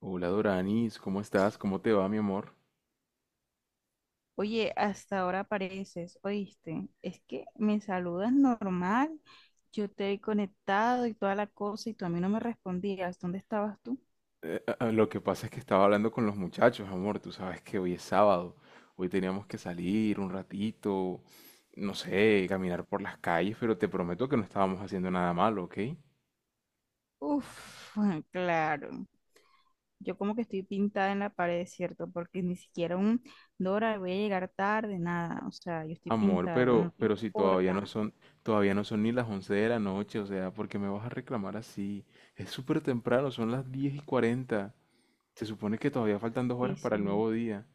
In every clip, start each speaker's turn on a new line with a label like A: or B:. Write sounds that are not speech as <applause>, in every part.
A: Hola Doranis, ¿cómo estás? ¿Cómo te va, mi amor?
B: Oye, hasta ahora apareces, ¿oíste? Es que me saludas normal, yo te he conectado y toda la cosa y tú a mí no me respondías. ¿Dónde estabas tú?
A: Lo que pasa es que estaba hablando con los muchachos, amor. Tú sabes que hoy es sábado. Hoy teníamos que salir un ratito, no sé, caminar por las calles, pero te prometo que no estábamos haciendo nada malo, ¿ok?
B: Uf, <laughs> claro. Yo como que estoy pintada en la pared, ¿cierto? Porque ni siquiera un Dora, voy a llegar tarde, nada. O sea, yo estoy
A: Amor,
B: pintada,
A: pero,
B: no te
A: pero si
B: importa.
A: todavía no son ni las 11 de la noche, o sea, ¿por qué me vas a reclamar así? Es súper temprano, son las 10:40. Se supone que todavía faltan dos
B: Sí,
A: horas para el
B: sí.
A: nuevo día.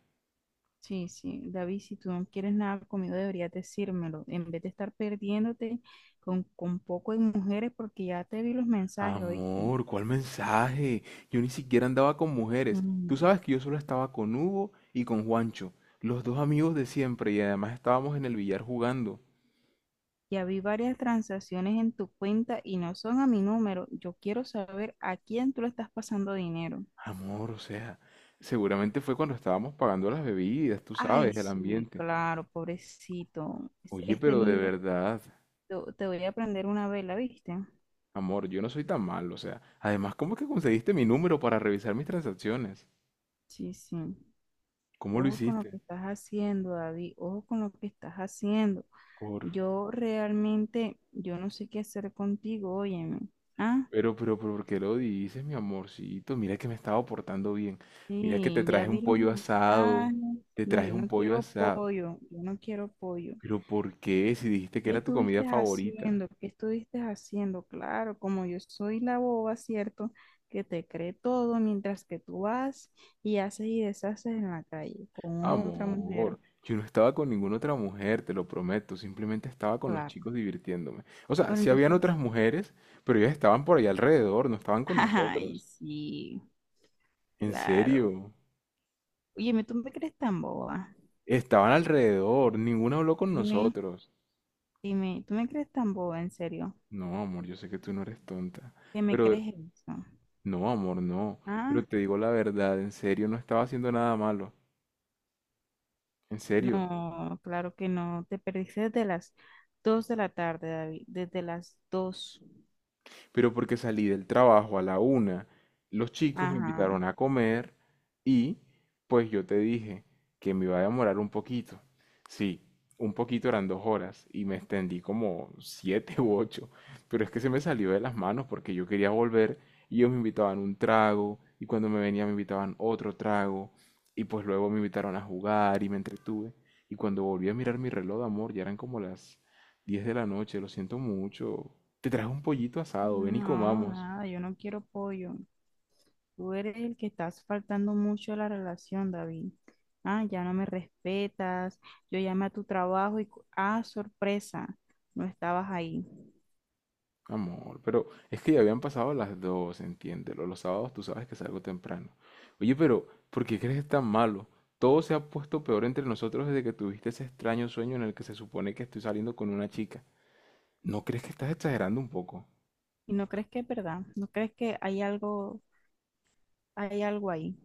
B: Sí, sí, David, si tú no quieres nada conmigo, deberías decírmelo, en vez de estar perdiéndote con poco de mujeres, porque ya te vi los mensajes, ¿oíste?
A: Amor, ¿cuál mensaje? Yo ni siquiera andaba con mujeres. Tú
B: Mm.
A: sabes que yo solo estaba con Hugo y con Juancho, los dos amigos de siempre, y además estábamos en el billar jugando.
B: Ya vi varias transacciones en tu cuenta y no son a mi número. Yo quiero saber a quién tú le estás pasando dinero.
A: Amor, o sea, seguramente fue cuando estábamos pagando las bebidas, tú
B: Ay,
A: sabes, el
B: sí,
A: ambiente.
B: claro, pobrecito. Este,
A: Oye,
B: este
A: pero de
B: niño,
A: verdad,
B: te voy a prender una vela, ¿viste?
A: amor, yo no soy tan malo, o sea, además, ¿cómo es que conseguiste mi número para revisar mis transacciones?
B: Sí, sí.
A: ¿Cómo lo
B: Ojo con lo
A: hiciste?
B: que estás haciendo, David. Ojo con lo que estás haciendo.
A: Por...
B: Yo realmente, yo no sé qué hacer contigo, óyeme. Ah,
A: ¿Por qué lo dices, mi amorcito? Mira que me estaba portando bien. Mira que te
B: sí, ya
A: traje un
B: vi los
A: pollo asado.
B: mensajes.
A: Te
B: No,
A: traje
B: yo
A: un
B: no
A: pollo
B: quiero
A: asado.
B: pollo, yo no quiero pollo.
A: Pero, ¿por qué? Si dijiste que
B: ¿Qué
A: era tu comida
B: estuviste
A: favorita.
B: haciendo? ¿Qué estuviste haciendo? Claro, como yo soy la boba, ¿cierto? Que te cree todo mientras que tú vas y haces y deshaces en la calle con otra mujer.
A: Amor, yo no estaba con ninguna otra mujer, te lo prometo. Simplemente estaba con los
B: Claro.
A: chicos divirtiéndome. O sea,
B: Bueno,
A: sí habían
B: entonces,
A: otras mujeres, pero ellas estaban por ahí alrededor, no estaban con
B: <laughs> ay,
A: nosotros.
B: sí.
A: En
B: Claro.
A: serio,
B: Oye, ¿me ¿tú me crees tan boba?
A: estaban alrededor, ninguna habló con
B: Dime,
A: nosotros.
B: dime, ¿tú me crees tan boba, en serio?
A: No, amor, yo sé que tú no eres tonta.
B: ¿Qué me
A: Pero
B: crees eso?
A: no, amor, no.
B: Ah,
A: Pero te digo la verdad, en serio, no estaba haciendo nada malo. En serio.
B: no, claro que no. Te perdiste desde las 2 de la tarde, David. Desde las 2.
A: Pero porque salí del trabajo a la una. Los chicos me
B: Ajá.
A: invitaron a comer y pues yo te dije que me iba a demorar un poquito. Sí, un poquito eran 2 horas y me extendí como siete u ocho, pero es que se me salió de las manos porque yo quería volver y ellos me invitaban un trago y cuando me venía me invitaban otro trago y pues luego me invitaron a jugar y me entretuve y cuando volví a mirar mi reloj de amor ya eran como las 10 de la noche, lo siento mucho, te traje un pollito asado, ven y
B: No,
A: comamos.
B: nada, yo no quiero pollo. Tú eres el que estás faltando mucho a la relación, David. Ah, ya no me respetas. Yo llamé a tu trabajo y, sorpresa, no estabas ahí.
A: Amor, pero es que ya habían pasado las 2, entiéndelo. Los sábados tú sabes que salgo temprano. Oye, pero, ¿por qué crees que es tan malo? Todo se ha puesto peor entre nosotros desde que tuviste ese extraño sueño en el que se supone que estoy saliendo con una chica. ¿No crees que estás exagerando un poco?
B: ¿Y no crees que es verdad? ¿No crees que hay algo ahí?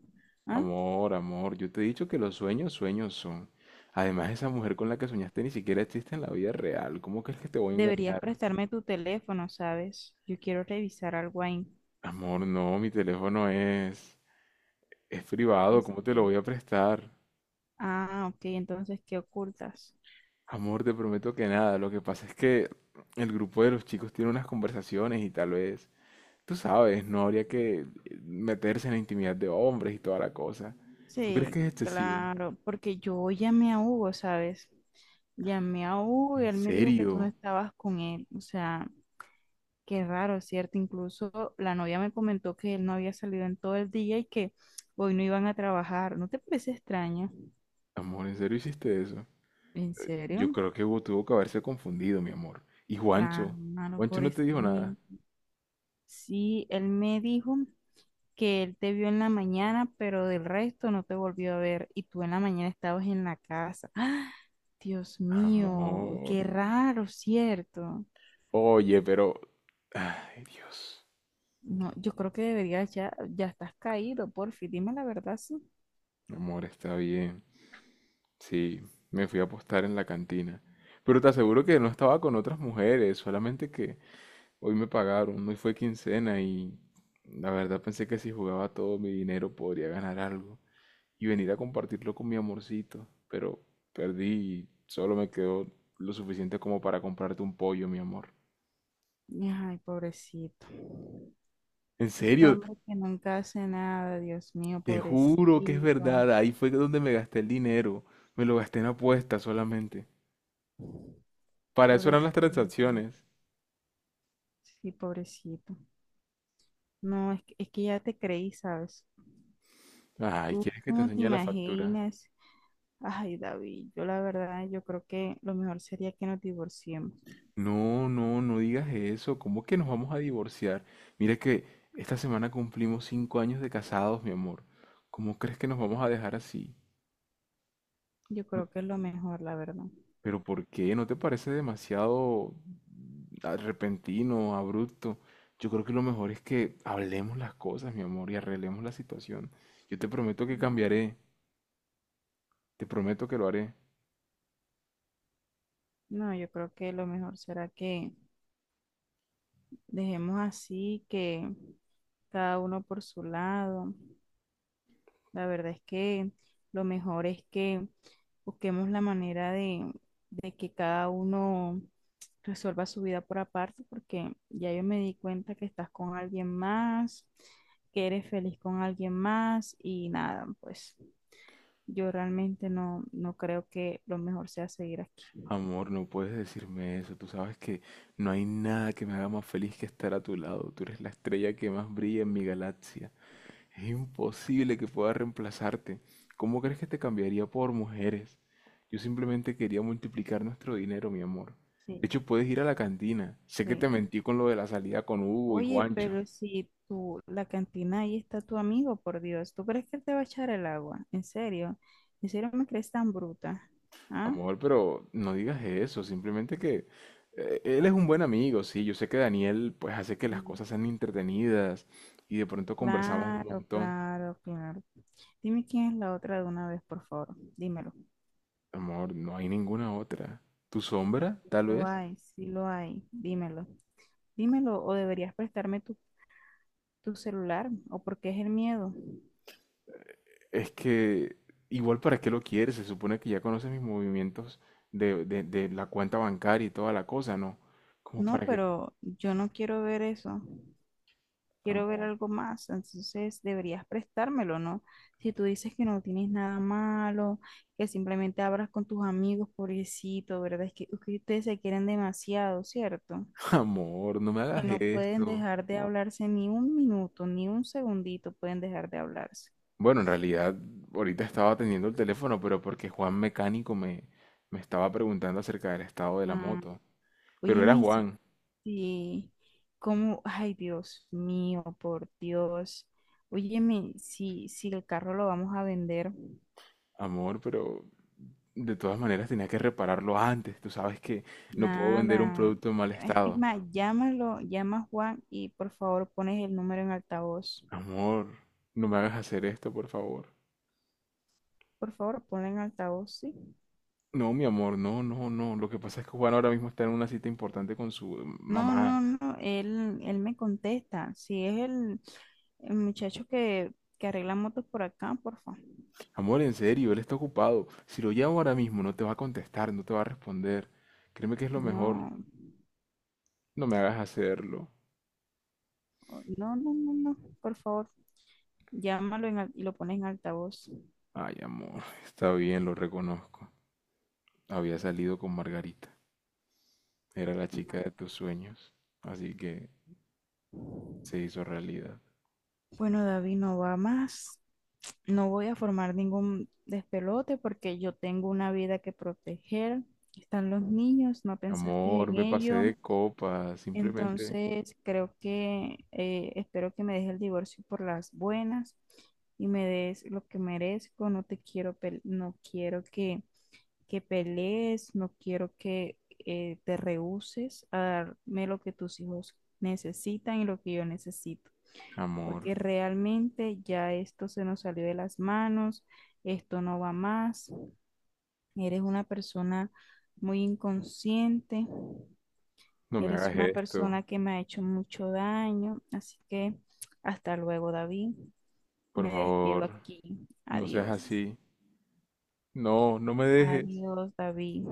B: ¿Ah?
A: Amor, amor, yo te he dicho que los sueños, sueños son. Además, esa mujer con la que soñaste ni siquiera existe en la vida real. ¿Cómo crees que te voy a
B: Deberías
A: engañar?
B: prestarme tu teléfono, ¿sabes? Yo quiero revisar algo ahí.
A: Amor, no, mi teléfono es... Es privado, ¿cómo te lo
B: Este,
A: voy a prestar?
B: ah, ok, entonces, ¿qué ocultas?
A: Amor, te prometo que nada. Lo que pasa es que el grupo de los chicos tiene unas conversaciones y tal vez, tú sabes, no habría que meterse en la intimidad de hombres y toda la cosa. ¿Tú crees
B: Sí,
A: que es excesivo?
B: claro, porque yo llamé a Hugo, ¿sabes? Llamé a Hugo y
A: ¿En
B: él me dijo que tú no
A: serio?
B: estabas con él. O sea, qué raro, ¿cierto? Incluso la novia me comentó que él no había salido en todo el día y que hoy no iban a trabajar. ¿No te parece extraño?
A: Amor, ¿en serio hiciste eso?
B: ¿En
A: Yo
B: serio?
A: creo que Hugo tuvo que haberse confundido, mi amor. ¿Y Juancho?
B: Claro,
A: ¿Juancho no te
B: pobrecito.
A: dijo nada?
B: Sí, él me dijo que él te vio en la mañana, pero del resto no te volvió a ver y tú en la mañana estabas en la casa. ¡Ah! Dios mío,
A: Amor.
B: qué raro, ¿cierto?
A: Oye, pero... Ay, Dios.
B: No, yo creo que deberías ya, ya estás caído, porfi, dime la verdad, sí.
A: Amor, está bien. Sí, me fui a apostar en la cantina. Pero te aseguro que no estaba con otras mujeres, solamente que hoy me pagaron, hoy fue quincena y la verdad pensé que si jugaba todo mi dinero podría ganar algo y venir a compartirlo con mi amorcito, pero perdí y solo me quedó lo suficiente como para comprarte un pollo, mi amor.
B: Ay, pobrecito.
A: En
B: Este
A: serio,
B: hombre que nunca hace nada, Dios mío,
A: te juro que es
B: pobrecito,
A: verdad, ahí fue donde me gasté el dinero, me lo gasté en apuestas solamente. Para eso eran las
B: pobrecito.
A: transacciones.
B: Sí, pobrecito. No, es que ya te creí, ¿sabes?
A: Ay,
B: Tú
A: ¿quieres que te
B: no te
A: enseñe la factura?
B: imaginas. Ay, David, yo la verdad, yo creo que lo mejor sería que nos divorciemos.
A: No, no, no digas eso. ¿Cómo que nos vamos a divorciar? Mira que esta semana cumplimos 5 años de casados, mi amor. ¿Cómo crees que nos vamos a dejar así?
B: Yo
A: No-
B: creo que es lo mejor, la verdad.
A: ¿Pero por qué? ¿No te parece demasiado repentino, abrupto? Yo creo que lo mejor es que hablemos las cosas, mi amor, y arreglemos la situación. Yo te prometo que
B: No,
A: cambiaré. Te prometo que lo haré.
B: no, yo creo que lo mejor será que dejemos así, que cada uno por su lado. La verdad es que lo mejor es que busquemos la manera de, que cada uno resuelva su vida por aparte, porque ya yo me di cuenta que estás con alguien más, que eres feliz con alguien más y nada, pues yo realmente no, no creo que lo mejor sea seguir aquí.
A: Amor, no puedes decirme eso. Tú sabes que no hay nada que me haga más feliz que estar a tu lado. Tú eres la estrella que más brilla en mi galaxia. Es imposible que pueda reemplazarte. ¿Cómo crees que te cambiaría por mujeres? Yo simplemente quería multiplicar nuestro dinero, mi amor.
B: Sí,
A: De hecho, puedes ir a la cantina. Sé que te
B: sí.
A: mentí con lo de la salida con Hugo y
B: Oye,
A: Juancho.
B: pero si tú, la cantina ahí está tu amigo, por Dios, ¿tú crees que él te va a echar el agua? ¿En serio? ¿En serio me crees tan bruta? ¿Ah?
A: Amor, pero no digas eso, simplemente que él es un buen amigo, sí, yo sé que Daniel pues hace que las
B: Mm.
A: cosas sean entretenidas y de pronto conversamos un
B: Claro,
A: montón.
B: claro, claro. Dime quién es la otra de una vez, por favor. Dímelo.
A: Amor, no hay ninguna otra. ¿Tu sombra, tal
B: Lo
A: vez?
B: hay, sí lo hay. Dímelo. Dímelo, o deberías prestarme tu celular, o porque es el miedo.
A: Es que igual para qué lo quieres, se supone que ya conoces mis movimientos de la cuenta bancaria y toda la cosa, ¿no? Como
B: No,
A: para que...
B: pero yo no quiero ver eso. Quiero ver
A: Amor,
B: algo más. Entonces deberías prestármelo, ¿no? Si tú dices que no tienes nada malo, que simplemente hablas con tus amigos, pobrecito, ¿verdad? Es que ustedes se quieren demasiado, ¿cierto?
A: <laughs> amor, no me hagas
B: Que no pueden
A: esto.
B: dejar de hablarse ni un minuto, ni un segundito pueden dejar de hablarse.
A: Bueno, en realidad ahorita estaba atendiendo el teléfono, pero porque Juan Mecánico me estaba preguntando acerca del estado de la
B: Mm,
A: moto. Pero era
B: óyeme,
A: Juan,
B: si- cómo, ay Dios mío, por Dios. Óyeme, si el carro lo vamos a vender,
A: amor, pero de todas maneras tenía que repararlo antes. Tú sabes que no puedo vender un
B: nada.
A: producto en mal
B: Es
A: estado.
B: más, llámalo, llama a Juan y por favor pones el número en altavoz.
A: Amor, no me hagas hacer esto, por favor.
B: Por favor, ponlo en altavoz, ¿sí?
A: No, mi amor, no, no, no. Lo que pasa es que Juan ahora mismo está en una cita importante con su
B: No,
A: mamá.
B: no, no, él me contesta. Si es el muchacho que arregla motos por acá, por favor.
A: Amor, en serio, él está ocupado. Si lo llamo ahora mismo, no te va a contestar, no te va a responder. Créeme que es lo mejor.
B: No,
A: No me hagas hacerlo.
B: no, no, no, no, por favor, y lo pones en altavoz.
A: Ay, amor, <laughs> está bien, lo reconozco. Había salido con Margarita. Era la chica de tus sueños. Así que se hizo realidad.
B: Bueno, David, no va más. No voy a formar ningún despelote porque yo tengo una vida que proteger. Están los niños, no pensaste
A: Amor,
B: en
A: me pasé de
B: ello.
A: copa. Simplemente,
B: Entonces, creo que espero que me dejes el divorcio por las buenas y me des lo que merezco. No te quiero, no quiero que pelees, no quiero que te rehúses a darme lo que tus hijos necesitan y lo que yo necesito,
A: amor,
B: porque realmente ya esto se nos salió de las manos, esto no va más. Eres una persona muy inconsciente.
A: no me
B: Eres
A: hagas
B: una
A: esto.
B: persona que me ha hecho mucho daño, así que hasta luego, David.
A: Por
B: Me
A: favor,
B: despido aquí.
A: no seas
B: Adiós.
A: así. No, no me dejes.
B: Adiós, David.